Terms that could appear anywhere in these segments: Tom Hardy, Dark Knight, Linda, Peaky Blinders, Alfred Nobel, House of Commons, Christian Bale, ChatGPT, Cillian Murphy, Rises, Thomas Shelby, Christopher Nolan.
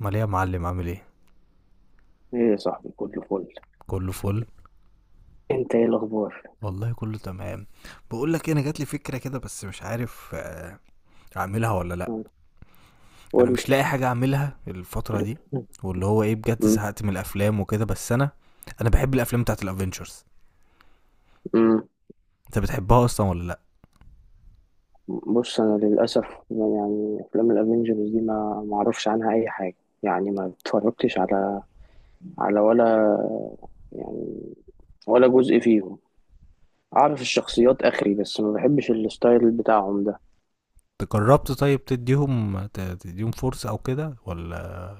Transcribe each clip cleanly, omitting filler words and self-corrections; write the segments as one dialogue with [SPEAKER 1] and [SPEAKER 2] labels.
[SPEAKER 1] امال ايه يا معلم؟ عامل ايه؟
[SPEAKER 2] ايه يا صاحبي، كله فل.
[SPEAKER 1] كله فل.
[SPEAKER 2] انت ايه الاخبار؟
[SPEAKER 1] والله كله تمام. بقول لك إيه، انا جات لي فكره كده بس مش عارف، اعملها ولا لا.
[SPEAKER 2] مم.
[SPEAKER 1] انا
[SPEAKER 2] قول
[SPEAKER 1] مش
[SPEAKER 2] لي.
[SPEAKER 1] لاقي حاجه اعملها الفتره دي،
[SPEAKER 2] مم.
[SPEAKER 1] واللي هو ايه بجد
[SPEAKER 2] مم.
[SPEAKER 1] زهقت من الافلام وكده. بس انا بحب الافلام بتاعت الافينجرز.
[SPEAKER 2] مم.
[SPEAKER 1] انت بتحبها اصلا ولا لا؟
[SPEAKER 2] بص انا للاسف يعني افلام الافينجرز دي ما اعرفش عنها اي حاجه، يعني ما اتفرجتش على ولا يعني، ولا جزء فيهم. اعرف الشخصيات اخري، بس ما بحبش الستايل بتاعهم ده.
[SPEAKER 1] أنت جربت طيب تديهم تديهم فرصه او كده ولا؟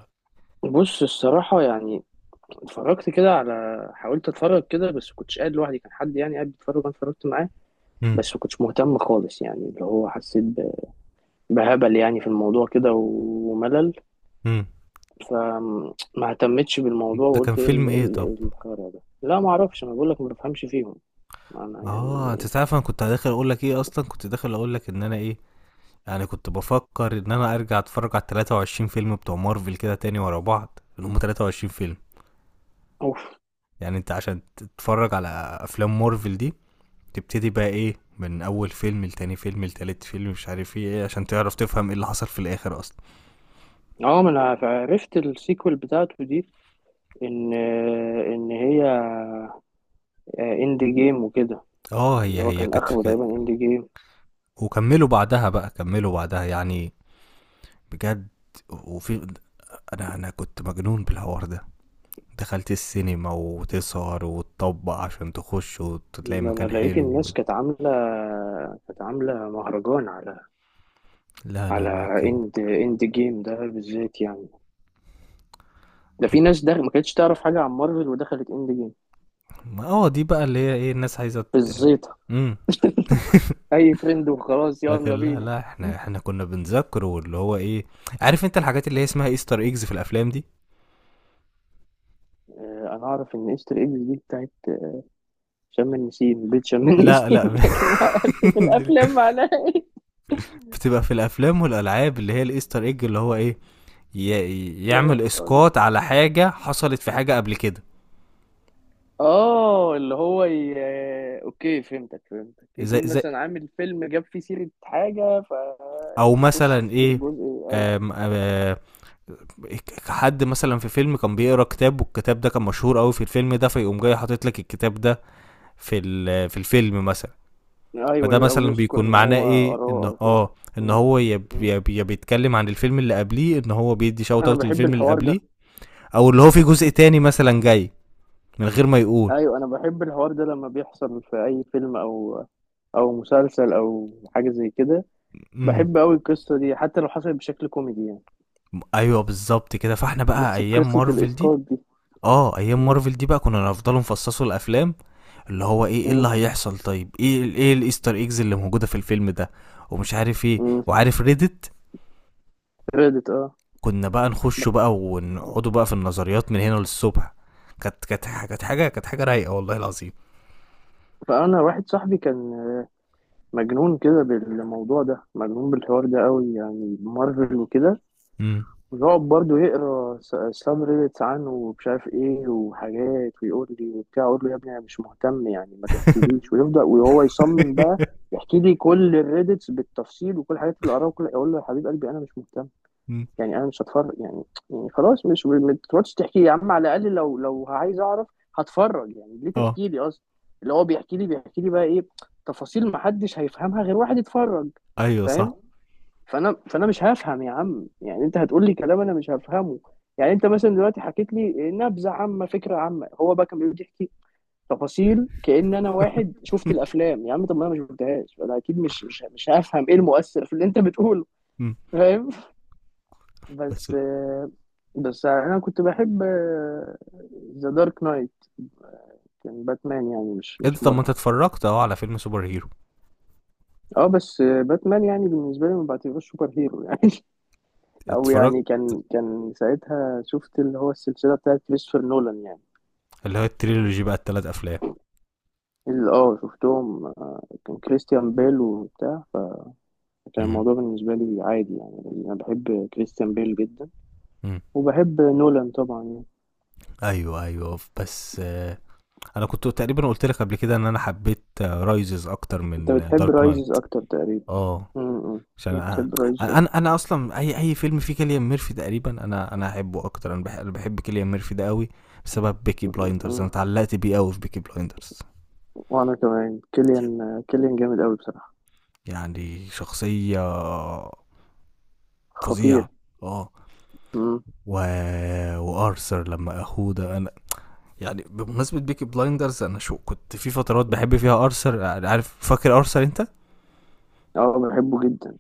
[SPEAKER 2] بص الصراحه يعني اتفرجت كده على حاولت اتفرج كده، بس كنتش قاعد لوحدي، كان حد يعني قاعد بيتفرج وانا اتفرجت معاه.
[SPEAKER 1] امم.
[SPEAKER 2] بس ما كنتش مهتم خالص، يعني اللي هو حسيت بهبل يعني في الموضوع كده وملل.
[SPEAKER 1] امم.
[SPEAKER 2] فما اهتمتش بالموضوع
[SPEAKER 1] ده كان
[SPEAKER 2] وقلت ايه
[SPEAKER 1] فيلم
[SPEAKER 2] ال- إيه
[SPEAKER 1] ايه
[SPEAKER 2] ال-
[SPEAKER 1] طب؟
[SPEAKER 2] إيه الخرا ده. لا ما اعرفش، انا بقول لك ما بفهمش فيهم. انا
[SPEAKER 1] اه، انت
[SPEAKER 2] يعني.
[SPEAKER 1] تعرف انا كنت داخل اقول لك ايه؟ اصلا كنت داخل اقول لك ان انا ايه، يعني كنت بفكر ان انا ارجع اتفرج على 23 فيلم بتوع مارفل كده تاني ورا بعض، اللي هم 23 فيلم.
[SPEAKER 2] اوف.
[SPEAKER 1] يعني انت عشان تتفرج على افلام مارفل دي، تبتدي بقى ايه من اول فيلم لتاني فيلم لتالت فيلم مش عارف ايه إيه، عشان تعرف تفهم ايه اللي حصل في الاخر اصلا.
[SPEAKER 2] اه، ما انا عرفت السيكوال بتاعته دي ان ان هي اند جيم وكده.
[SPEAKER 1] اه،
[SPEAKER 2] اللي
[SPEAKER 1] هي
[SPEAKER 2] هو
[SPEAKER 1] هي
[SPEAKER 2] كان اخره تقريبا اند جيم.
[SPEAKER 1] وكملوا بعدها بقى كملوا بعدها يعني، بجد. وفي انا كنت مجنون بالحوار ده. دخلت السينما وتسهر وتطبق عشان تخش وتلاقي
[SPEAKER 2] ما انا
[SPEAKER 1] مكان
[SPEAKER 2] لقيت
[SPEAKER 1] حلو.
[SPEAKER 2] الناس كانت عامله مهرجان على
[SPEAKER 1] لا لا
[SPEAKER 2] على
[SPEAKER 1] لا، كان.
[SPEAKER 2] اند جيم ده بالذات، يعني ده
[SPEAKER 1] طب
[SPEAKER 2] في ناس ده ما كانتش تعرف حاجه عن مارفل ودخلت اند جيم
[SPEAKER 1] ما دي بقى اللي هي ايه، الناس عايزه
[SPEAKER 2] بالزيطة.
[SPEAKER 1] امم.
[SPEAKER 2] اي ترند وخلاص،
[SPEAKER 1] لكن
[SPEAKER 2] يلا
[SPEAKER 1] لا
[SPEAKER 2] بينا.
[SPEAKER 1] لا، احنا كنا بنذاكره، واللي هو ايه، عارف انت الحاجات اللي هي اسمها ايستر ايجز في الافلام دي؟
[SPEAKER 2] انا اعرف ان قشطة اكس دي بتاعت شم النسيم بيت شم
[SPEAKER 1] لا
[SPEAKER 2] النسيم.
[SPEAKER 1] لا.
[SPEAKER 2] لكن ما اعرفش في الافلام معناها.
[SPEAKER 1] بتبقى في الافلام والالعاب، اللي هي الايستر ايج، اللي هو ايه، يعمل
[SPEAKER 2] إيه. قول لي.
[SPEAKER 1] اسقاط على حاجه حصلت في حاجه قبل كده.
[SPEAKER 2] اه، اللي هو ي... آه، اوكي، فهمتك فهمتك.
[SPEAKER 1] زي
[SPEAKER 2] يكون
[SPEAKER 1] زي
[SPEAKER 2] مثلا عامل فيلم جاب فيه سيرة حاجة
[SPEAKER 1] او
[SPEAKER 2] فيخش
[SPEAKER 1] مثلا
[SPEAKER 2] في
[SPEAKER 1] ايه.
[SPEAKER 2] الجزء. ايوه،
[SPEAKER 1] آم آم حد مثلا في فيلم كان بيقرا كتاب، والكتاب ده كان مشهور قوي في الفيلم ده، فيقوم جاي حاطط لك الكتاب ده في الفيلم مثلا. فده
[SPEAKER 2] ايوه. او
[SPEAKER 1] مثلا
[SPEAKER 2] يذكر
[SPEAKER 1] بيكون
[SPEAKER 2] ان
[SPEAKER 1] معناه
[SPEAKER 2] هو
[SPEAKER 1] ايه،
[SPEAKER 2] قراه
[SPEAKER 1] ان
[SPEAKER 2] او كده.
[SPEAKER 1] ان
[SPEAKER 2] مم.
[SPEAKER 1] هو يا ب-
[SPEAKER 2] مم.
[SPEAKER 1] يا ب- يا بيتكلم عن الفيلم اللي قبليه، ان هو بيدي شوت
[SPEAKER 2] انا
[SPEAKER 1] اوت
[SPEAKER 2] بحب
[SPEAKER 1] للفيلم اللي
[SPEAKER 2] الحوار
[SPEAKER 1] قبليه.
[SPEAKER 2] ده.
[SPEAKER 1] او اللي هو في جزء تاني مثلا جاي من غير ما يقول.
[SPEAKER 2] ايوه، انا بحب الحوار ده لما بيحصل في اي فيلم او مسلسل او حاجه زي كده.
[SPEAKER 1] امم.
[SPEAKER 2] بحب قوي القصه دي حتى لو حصلت بشكل كوميدي يعني.
[SPEAKER 1] ايوه، بالظبط كده. فاحنا بقى
[SPEAKER 2] بس
[SPEAKER 1] ايام
[SPEAKER 2] قصه
[SPEAKER 1] مارفل دي،
[SPEAKER 2] الاسقاط دي.
[SPEAKER 1] اه، ايام
[SPEAKER 2] م-
[SPEAKER 1] مارفل دي بقى كنا نفضلوا نفصصوا الافلام. اللي هو ايه، ايه اللي
[SPEAKER 2] م-
[SPEAKER 1] هيحصل، طيب ايه الايستر ايجز اللي موجوده في الفيلم ده، ومش عارف ايه،
[SPEAKER 2] م.
[SPEAKER 1] وعارف ريدت.
[SPEAKER 2] ريدت، اه.
[SPEAKER 1] كنا بقى نخش بقى ونقعدوا بقى في النظريات من هنا للصبح. كانت حاجه رايقه والله العظيم.
[SPEAKER 2] فانا واحد صاحبي كان مجنون كده بالموضوع ده، مجنون بالحوار ده قوي يعني مارفل وكده.
[SPEAKER 1] امم.
[SPEAKER 2] ويقعد برضه يقرا ساب ريدتس عنه ومش عارف ايه وحاجات، ويقول لي وبتاع، اقول له يا ابني انا مش مهتم يعني ما تحكيليش، ويبدا وهو يصمم بقى يحكي لي كل الريدتس بالتفصيل وكل الحاجات اللي قراها، وكل اقول له يا حبيب قلبي انا مش مهتم.
[SPEAKER 1] أمم.
[SPEAKER 2] يعني انا مش هتفرج يعني، يعني خلاص مش، ما تقعدش تحكي لي يا عم، على الاقل لو عايز اعرف هتفرج، يعني ليه
[SPEAKER 1] اه،
[SPEAKER 2] تحكي لي اصلا؟ اللي هو بيحكي لي بقى ايه، تفاصيل ما حدش هيفهمها غير واحد يتفرج.
[SPEAKER 1] ايوه، صح.
[SPEAKER 2] فاهم؟ فانا مش هفهم يا عم، يعني انت هتقول لي كلام انا مش هفهمه. يعني انت مثلا دلوقتي حكيت لي نبذه عامه، فكره عامه، هو بقى كان بيقعد يحكي تفاصيل كأن انا واحد شفت الافلام يا عم. طب ما انا ما شفتهاش، فانا اكيد مش هفهم ايه المؤثر في اللي انت بتقوله.
[SPEAKER 1] أمم.
[SPEAKER 2] فاهم.
[SPEAKER 1] بس
[SPEAKER 2] بس بس انا كنت بحب ذا دارك نايت. كان باتمان يعني، مش
[SPEAKER 1] انت طب ما انت
[SPEAKER 2] مارفل.
[SPEAKER 1] اتفرجت اهو على فيلم سوبر هيرو.
[SPEAKER 2] اه بس باتمان يعني بالنسبه لي ما بعتبروش سوبر هيرو يعني. او
[SPEAKER 1] اتفرجت
[SPEAKER 2] يعني كان ساعتها شفت اللي هو السلسله بتاعت كريستوفر نولان يعني.
[SPEAKER 1] اللي هو التريلوجي بقى، الثلاث افلام.
[SPEAKER 2] اللي شفتهم. كان كريستيان بيل وبتاع. كان
[SPEAKER 1] امم.
[SPEAKER 2] الموضوع بالنسبه لي عادي يعني، انا بحب كريستيان بيل جدا.
[SPEAKER 1] أمم.
[SPEAKER 2] وبحب نولان طبعا يعني.
[SPEAKER 1] ايوه ايوه، بس انا كنت تقريبا قلت لك قبل كده ان انا حبيت رايزز اكتر
[SPEAKER 2] انت
[SPEAKER 1] من
[SPEAKER 2] بتحب
[SPEAKER 1] دارك
[SPEAKER 2] رايزز
[SPEAKER 1] نايت.
[SPEAKER 2] اكتر تقريبا؟
[SPEAKER 1] اه.
[SPEAKER 2] م-
[SPEAKER 1] عشان
[SPEAKER 2] م. بتحب رايزز
[SPEAKER 1] انا اصلا اي فيلم فيه كيليان ميرفي تقريبا انا احبه اكتر. أنا بحب كيليان ميرفي ده قوي. بسبب بيكي بلايندرز انا
[SPEAKER 2] اكتر.
[SPEAKER 1] اتعلقت بيه قوي في بيكي بلايندرز.
[SPEAKER 2] وانا كمان، كيليان كيليان جامد قوي بصراحه.
[SPEAKER 1] يعني شخصية
[SPEAKER 2] خطير.
[SPEAKER 1] فظيعة. اه.
[SPEAKER 2] امم.
[SPEAKER 1] و... وارثر لما اخوه ده انا، يعني بمناسبة بيكي بلايندرز، انا شو كنت في فترات بحب فيها ارثر. يعني عارف، فاكر ارثر انت؟
[SPEAKER 2] اه، بحبه جدا.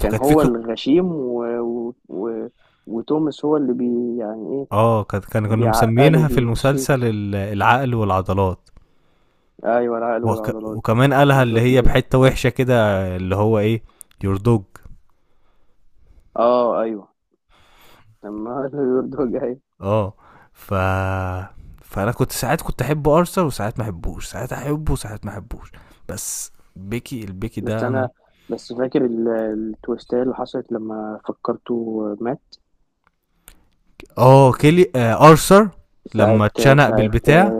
[SPEAKER 2] كان
[SPEAKER 1] في
[SPEAKER 2] هو
[SPEAKER 1] ك-
[SPEAKER 2] الغشيم. وتوماس هو اللي يعني ايه،
[SPEAKER 1] اه، كانت كان كانوا
[SPEAKER 2] بيعقله
[SPEAKER 1] مسمينها في
[SPEAKER 2] بيمشيه.
[SPEAKER 1] المسلسل العقل والعضلات.
[SPEAKER 2] ايوه، العقل والعضلات.
[SPEAKER 1] وكمان قالها اللي
[SPEAKER 2] بالظبط
[SPEAKER 1] هي
[SPEAKER 2] كده.
[SPEAKER 1] بحته وحشه كده، اللي هو ايه، يور دوج.
[SPEAKER 2] اه، ايوه، لما يرضى جاي.
[SPEAKER 1] اه. ف فانا كنت ساعات كنت احب ارثر وساعات ما احبوش، ساعات احبه وساعات ما احبوش. بس بيكي البيكي
[SPEAKER 2] بس
[SPEAKER 1] ده انا.
[SPEAKER 2] انا، بس فاكر التويستات اللي حصلت لما فكرته مات.
[SPEAKER 1] اه، كيلي آه ارثر،
[SPEAKER 2] ساعة
[SPEAKER 1] لما اتشنق
[SPEAKER 2] ساعة
[SPEAKER 1] بالبتاع.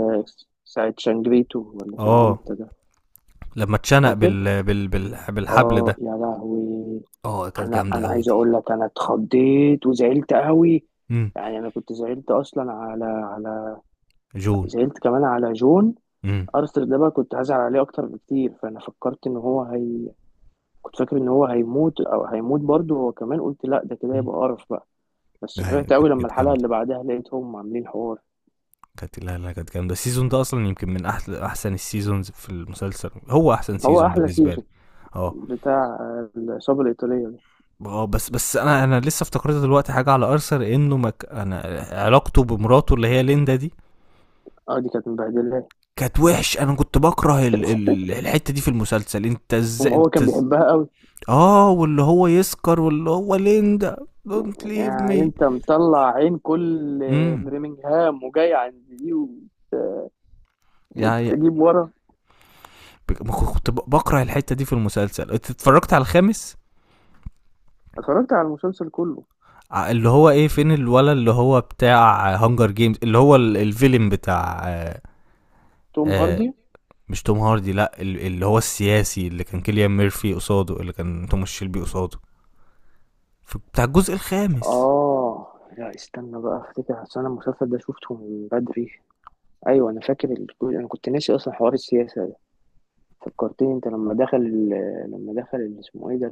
[SPEAKER 2] ساعة شانجريتو ولا
[SPEAKER 1] اه،
[SPEAKER 2] شانجريتا ده.
[SPEAKER 1] لما اتشنق
[SPEAKER 2] فاكر؟
[SPEAKER 1] بالحبل
[SPEAKER 2] اه
[SPEAKER 1] ده.
[SPEAKER 2] يا لهوي.
[SPEAKER 1] اه، كانت
[SPEAKER 2] انا
[SPEAKER 1] جامده
[SPEAKER 2] انا
[SPEAKER 1] قوي
[SPEAKER 2] عايز
[SPEAKER 1] دي.
[SPEAKER 2] اقول لك، انا اتخضيت وزعلت قوي.
[SPEAKER 1] امم.
[SPEAKER 2] يعني انا كنت زعلت اصلا على
[SPEAKER 1] جون.
[SPEAKER 2] زعلت كمان على جون.
[SPEAKER 1] امم.
[SPEAKER 2] ارثر ده بقى كنت هزعل عليه اكتر بكتير، فانا فكرت ان هو هي، كنت فاكر ان هو هيموت او هيموت برضه هو كمان، قلت لا ده كده يبقى قرف بقى. بس
[SPEAKER 1] ايوه،
[SPEAKER 2] فرحت قوي
[SPEAKER 1] كانت
[SPEAKER 2] لما
[SPEAKER 1] كانت
[SPEAKER 2] الحلقه
[SPEAKER 1] جامده.
[SPEAKER 2] اللي بعدها لقيتهم عاملين حوار.
[SPEAKER 1] كانت لا لا كانت جامدة. السيزون ده أصلا يمكن من أحسن السيزونز في المسلسل، هو أحسن
[SPEAKER 2] هو
[SPEAKER 1] سيزون
[SPEAKER 2] احلى
[SPEAKER 1] بالنسبة لي.
[SPEAKER 2] سيزون،
[SPEAKER 1] اه.
[SPEAKER 2] بتاع العصابه الايطاليه ده.
[SPEAKER 1] اه بس انا لسه افتكرت دلوقتي حاجه على ارثر انه انا، علاقته بمراته اللي هي ليندا دي
[SPEAKER 2] اه دي كانت مبهدله.
[SPEAKER 1] كانت وحش. انا كنت بكره
[SPEAKER 2] كانت-
[SPEAKER 1] الحته دي في المسلسل. انت ازاي،
[SPEAKER 2] وهو كان بيحبها قوي.
[SPEAKER 1] اه، واللي هو يسكر، واللي هو ليندا، دونت ليف
[SPEAKER 2] يعني
[SPEAKER 1] مي.
[SPEAKER 2] انت مطلع عين كل
[SPEAKER 1] امم.
[SPEAKER 2] برمنجهام وجاي عند دي.
[SPEAKER 1] يعني
[SPEAKER 2] وتجيب ورا.
[SPEAKER 1] ما كنت بكره الحته دي في المسلسل. انت اتفرجت على الخامس؟
[SPEAKER 2] اتفرجت على المسلسل كله.
[SPEAKER 1] اللي هو ايه، فين الولا اللي هو بتاع هانجر جيمز، اللي هو الفيلم بتاع آه،
[SPEAKER 2] توم
[SPEAKER 1] آه،
[SPEAKER 2] هاردي.
[SPEAKER 1] مش توم هاردي، لا، اللي هو السياسي، اللي كان كيليان ميرفي قصاده، اللي كان توماس شيلبي قصاده، بتاع الجزء الخامس.
[SPEAKER 2] اه لا، استنى بقى افتكر، اصل انا المسلسل ده شفته من بدري. ايوه، انا فاكر انا كنت ناسي اصلا حوار السياسه ده. فكرتني انت لما دخل ال- اسمه ايه ده؟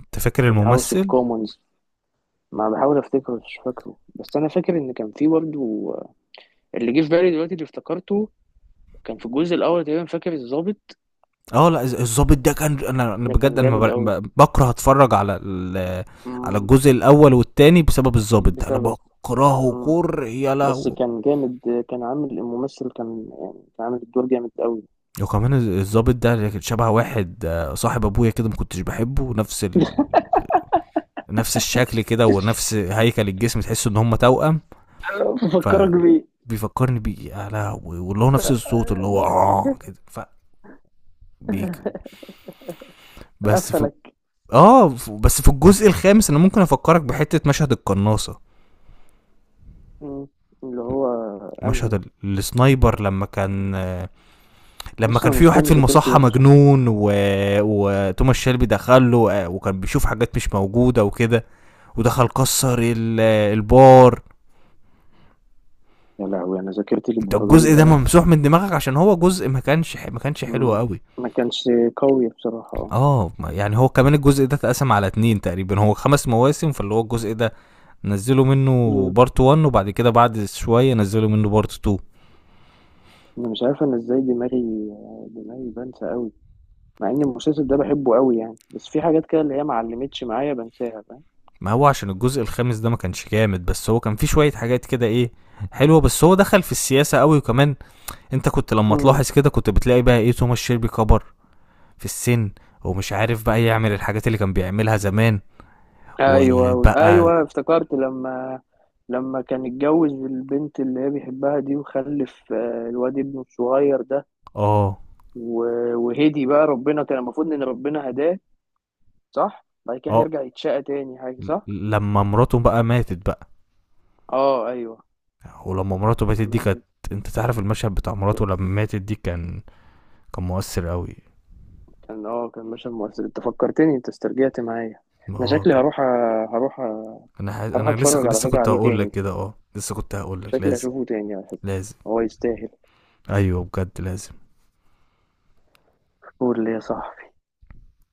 [SPEAKER 1] انت فاكر
[SPEAKER 2] الهاوس اوف
[SPEAKER 1] الممثل؟
[SPEAKER 2] كومونز. ما بحاول افتكره مش فاكره، بس انا فاكر ان كان في برضه، اللي جه في بالي دلوقتي اللي افتكرته، كان في الجزء الاول تقريبا، فاكر الضابط؟
[SPEAKER 1] اه، لا، الظابط ده كان. انا
[SPEAKER 2] ده كان
[SPEAKER 1] بجد انا ما
[SPEAKER 2] جامد
[SPEAKER 1] بر-
[SPEAKER 2] قوي.
[SPEAKER 1] ب- بكره اتفرج على على
[SPEAKER 2] مم.
[SPEAKER 1] الجزء الاول والتاني بسبب الظابط ده. انا
[SPEAKER 2] بسبب.
[SPEAKER 1] بكرهه
[SPEAKER 2] مم.
[SPEAKER 1] كره. يا
[SPEAKER 2] بس
[SPEAKER 1] لهوي.
[SPEAKER 2] كان جامد، كان عامل الممثل كان يعني كان عامل الدور جامد قوي.
[SPEAKER 1] وكمان الظابط ده شبه واحد، صاحب ابويا كده ما كنتش بحبه. نفس نفس الشكل كده ونفس هيكل الجسم، تحس ان هم توأم.
[SPEAKER 2] أنا بفكرك بيه.
[SPEAKER 1] فبيفكرني بيه يا لهوي، واللي هو نفس الصوت اللي هو اه كده. فبيك. بس في،
[SPEAKER 2] قفلك.
[SPEAKER 1] اه. بس في الجزء الخامس انا ممكن افكرك بحته مشهد القناصه،
[SPEAKER 2] مم. اللي هو انهي؟
[SPEAKER 1] مشهد السنايبر لما كان، لما
[SPEAKER 2] لسه
[SPEAKER 1] كان في
[SPEAKER 2] المشكله
[SPEAKER 1] واحد
[SPEAKER 2] ان
[SPEAKER 1] في
[SPEAKER 2] ذاكرتي
[SPEAKER 1] المصحه
[SPEAKER 2] وحشه.
[SPEAKER 1] مجنون، وتوماس شيلبي دخل له، وكان بيشوف حاجات مش موجوده وكده. ودخل كسر البار.
[SPEAKER 2] يا لهوي، انا ذاكرتي
[SPEAKER 1] انت
[SPEAKER 2] للدرجه دي
[SPEAKER 1] الجزء ده
[SPEAKER 2] ضايعه.
[SPEAKER 1] ممسوح من دماغك عشان هو جزء ما كانش حلو
[SPEAKER 2] مم.
[SPEAKER 1] قوي.
[SPEAKER 2] ما كانش قوي بصراحه، اه.
[SPEAKER 1] اه. يعني هو كمان الجزء ده اتقسم على اتنين تقريبا، هو خمس مواسم. فاللي هو الجزء ده نزلوا منه
[SPEAKER 2] مم.
[SPEAKER 1] بارت 1، وبعد كده بعد شوية نزلوا منه بارت 2.
[SPEAKER 2] انا مش عارف انا ازاي دماغي. دماغي بنسى قوي، مع ان المسلسل ده بحبه قوي يعني، بس في حاجات كده اللي هي ما علمتش معايا بنساها.
[SPEAKER 1] ما هو عشان الجزء الخامس ده ما كانش جامد، بس هو كان فيه شوية حاجات كده ايه حلوة. بس هو دخل في السياسة قوي، وكمان انت كنت لما
[SPEAKER 2] فاهم.
[SPEAKER 1] تلاحظ كده كنت بتلاقي بقى ايه، توماس شيلبي كبر في السن، ومش عارف بقى يعمل الحاجات اللي كان بيعملها زمان.
[SPEAKER 2] ايوه،
[SPEAKER 1] وبقى،
[SPEAKER 2] ايوه افتكرت لما كان اتجوز البنت اللي هي بيحبها دي، وخلف الواد ابنه الصغير ده.
[SPEAKER 1] اه.
[SPEAKER 2] وهدي بقى ربنا، كان المفروض ان ربنا هداه، صح؟ بعد كده
[SPEAKER 1] اه،
[SPEAKER 2] هيرجع يتشقى تاني حاجه، صح؟
[SPEAKER 1] لما مراته بقى ماتت بقى،
[SPEAKER 2] اه ايوه.
[SPEAKER 1] ولما مراته ماتت
[SPEAKER 2] ما
[SPEAKER 1] دي كانت،
[SPEAKER 2] ماتت.
[SPEAKER 1] انت تعرف المشهد بتاع
[SPEAKER 2] ك-
[SPEAKER 1] مراته لما ماتت دي كان، كان مؤثر قوي.
[SPEAKER 2] كان مشهد مؤثر. انت فكرتني، انت استرجعت معايا.
[SPEAKER 1] ما
[SPEAKER 2] انا
[SPEAKER 1] هو
[SPEAKER 2] شكلي
[SPEAKER 1] كان-
[SPEAKER 2] هروح أ- هروح
[SPEAKER 1] انا لسه
[SPEAKER 2] اتفرج على
[SPEAKER 1] لسه
[SPEAKER 2] فكره
[SPEAKER 1] كنت
[SPEAKER 2] عليه
[SPEAKER 1] هقول لك
[SPEAKER 2] تاني.
[SPEAKER 1] كده، اه، لسه كنت هقول لك
[SPEAKER 2] شكلي
[SPEAKER 1] لازم.
[SPEAKER 2] هشوفه تاني على فكره.
[SPEAKER 1] لازم.
[SPEAKER 2] هو يستاهل.
[SPEAKER 1] ايوه بجد لازم.
[SPEAKER 2] قول لي يا صاحبي.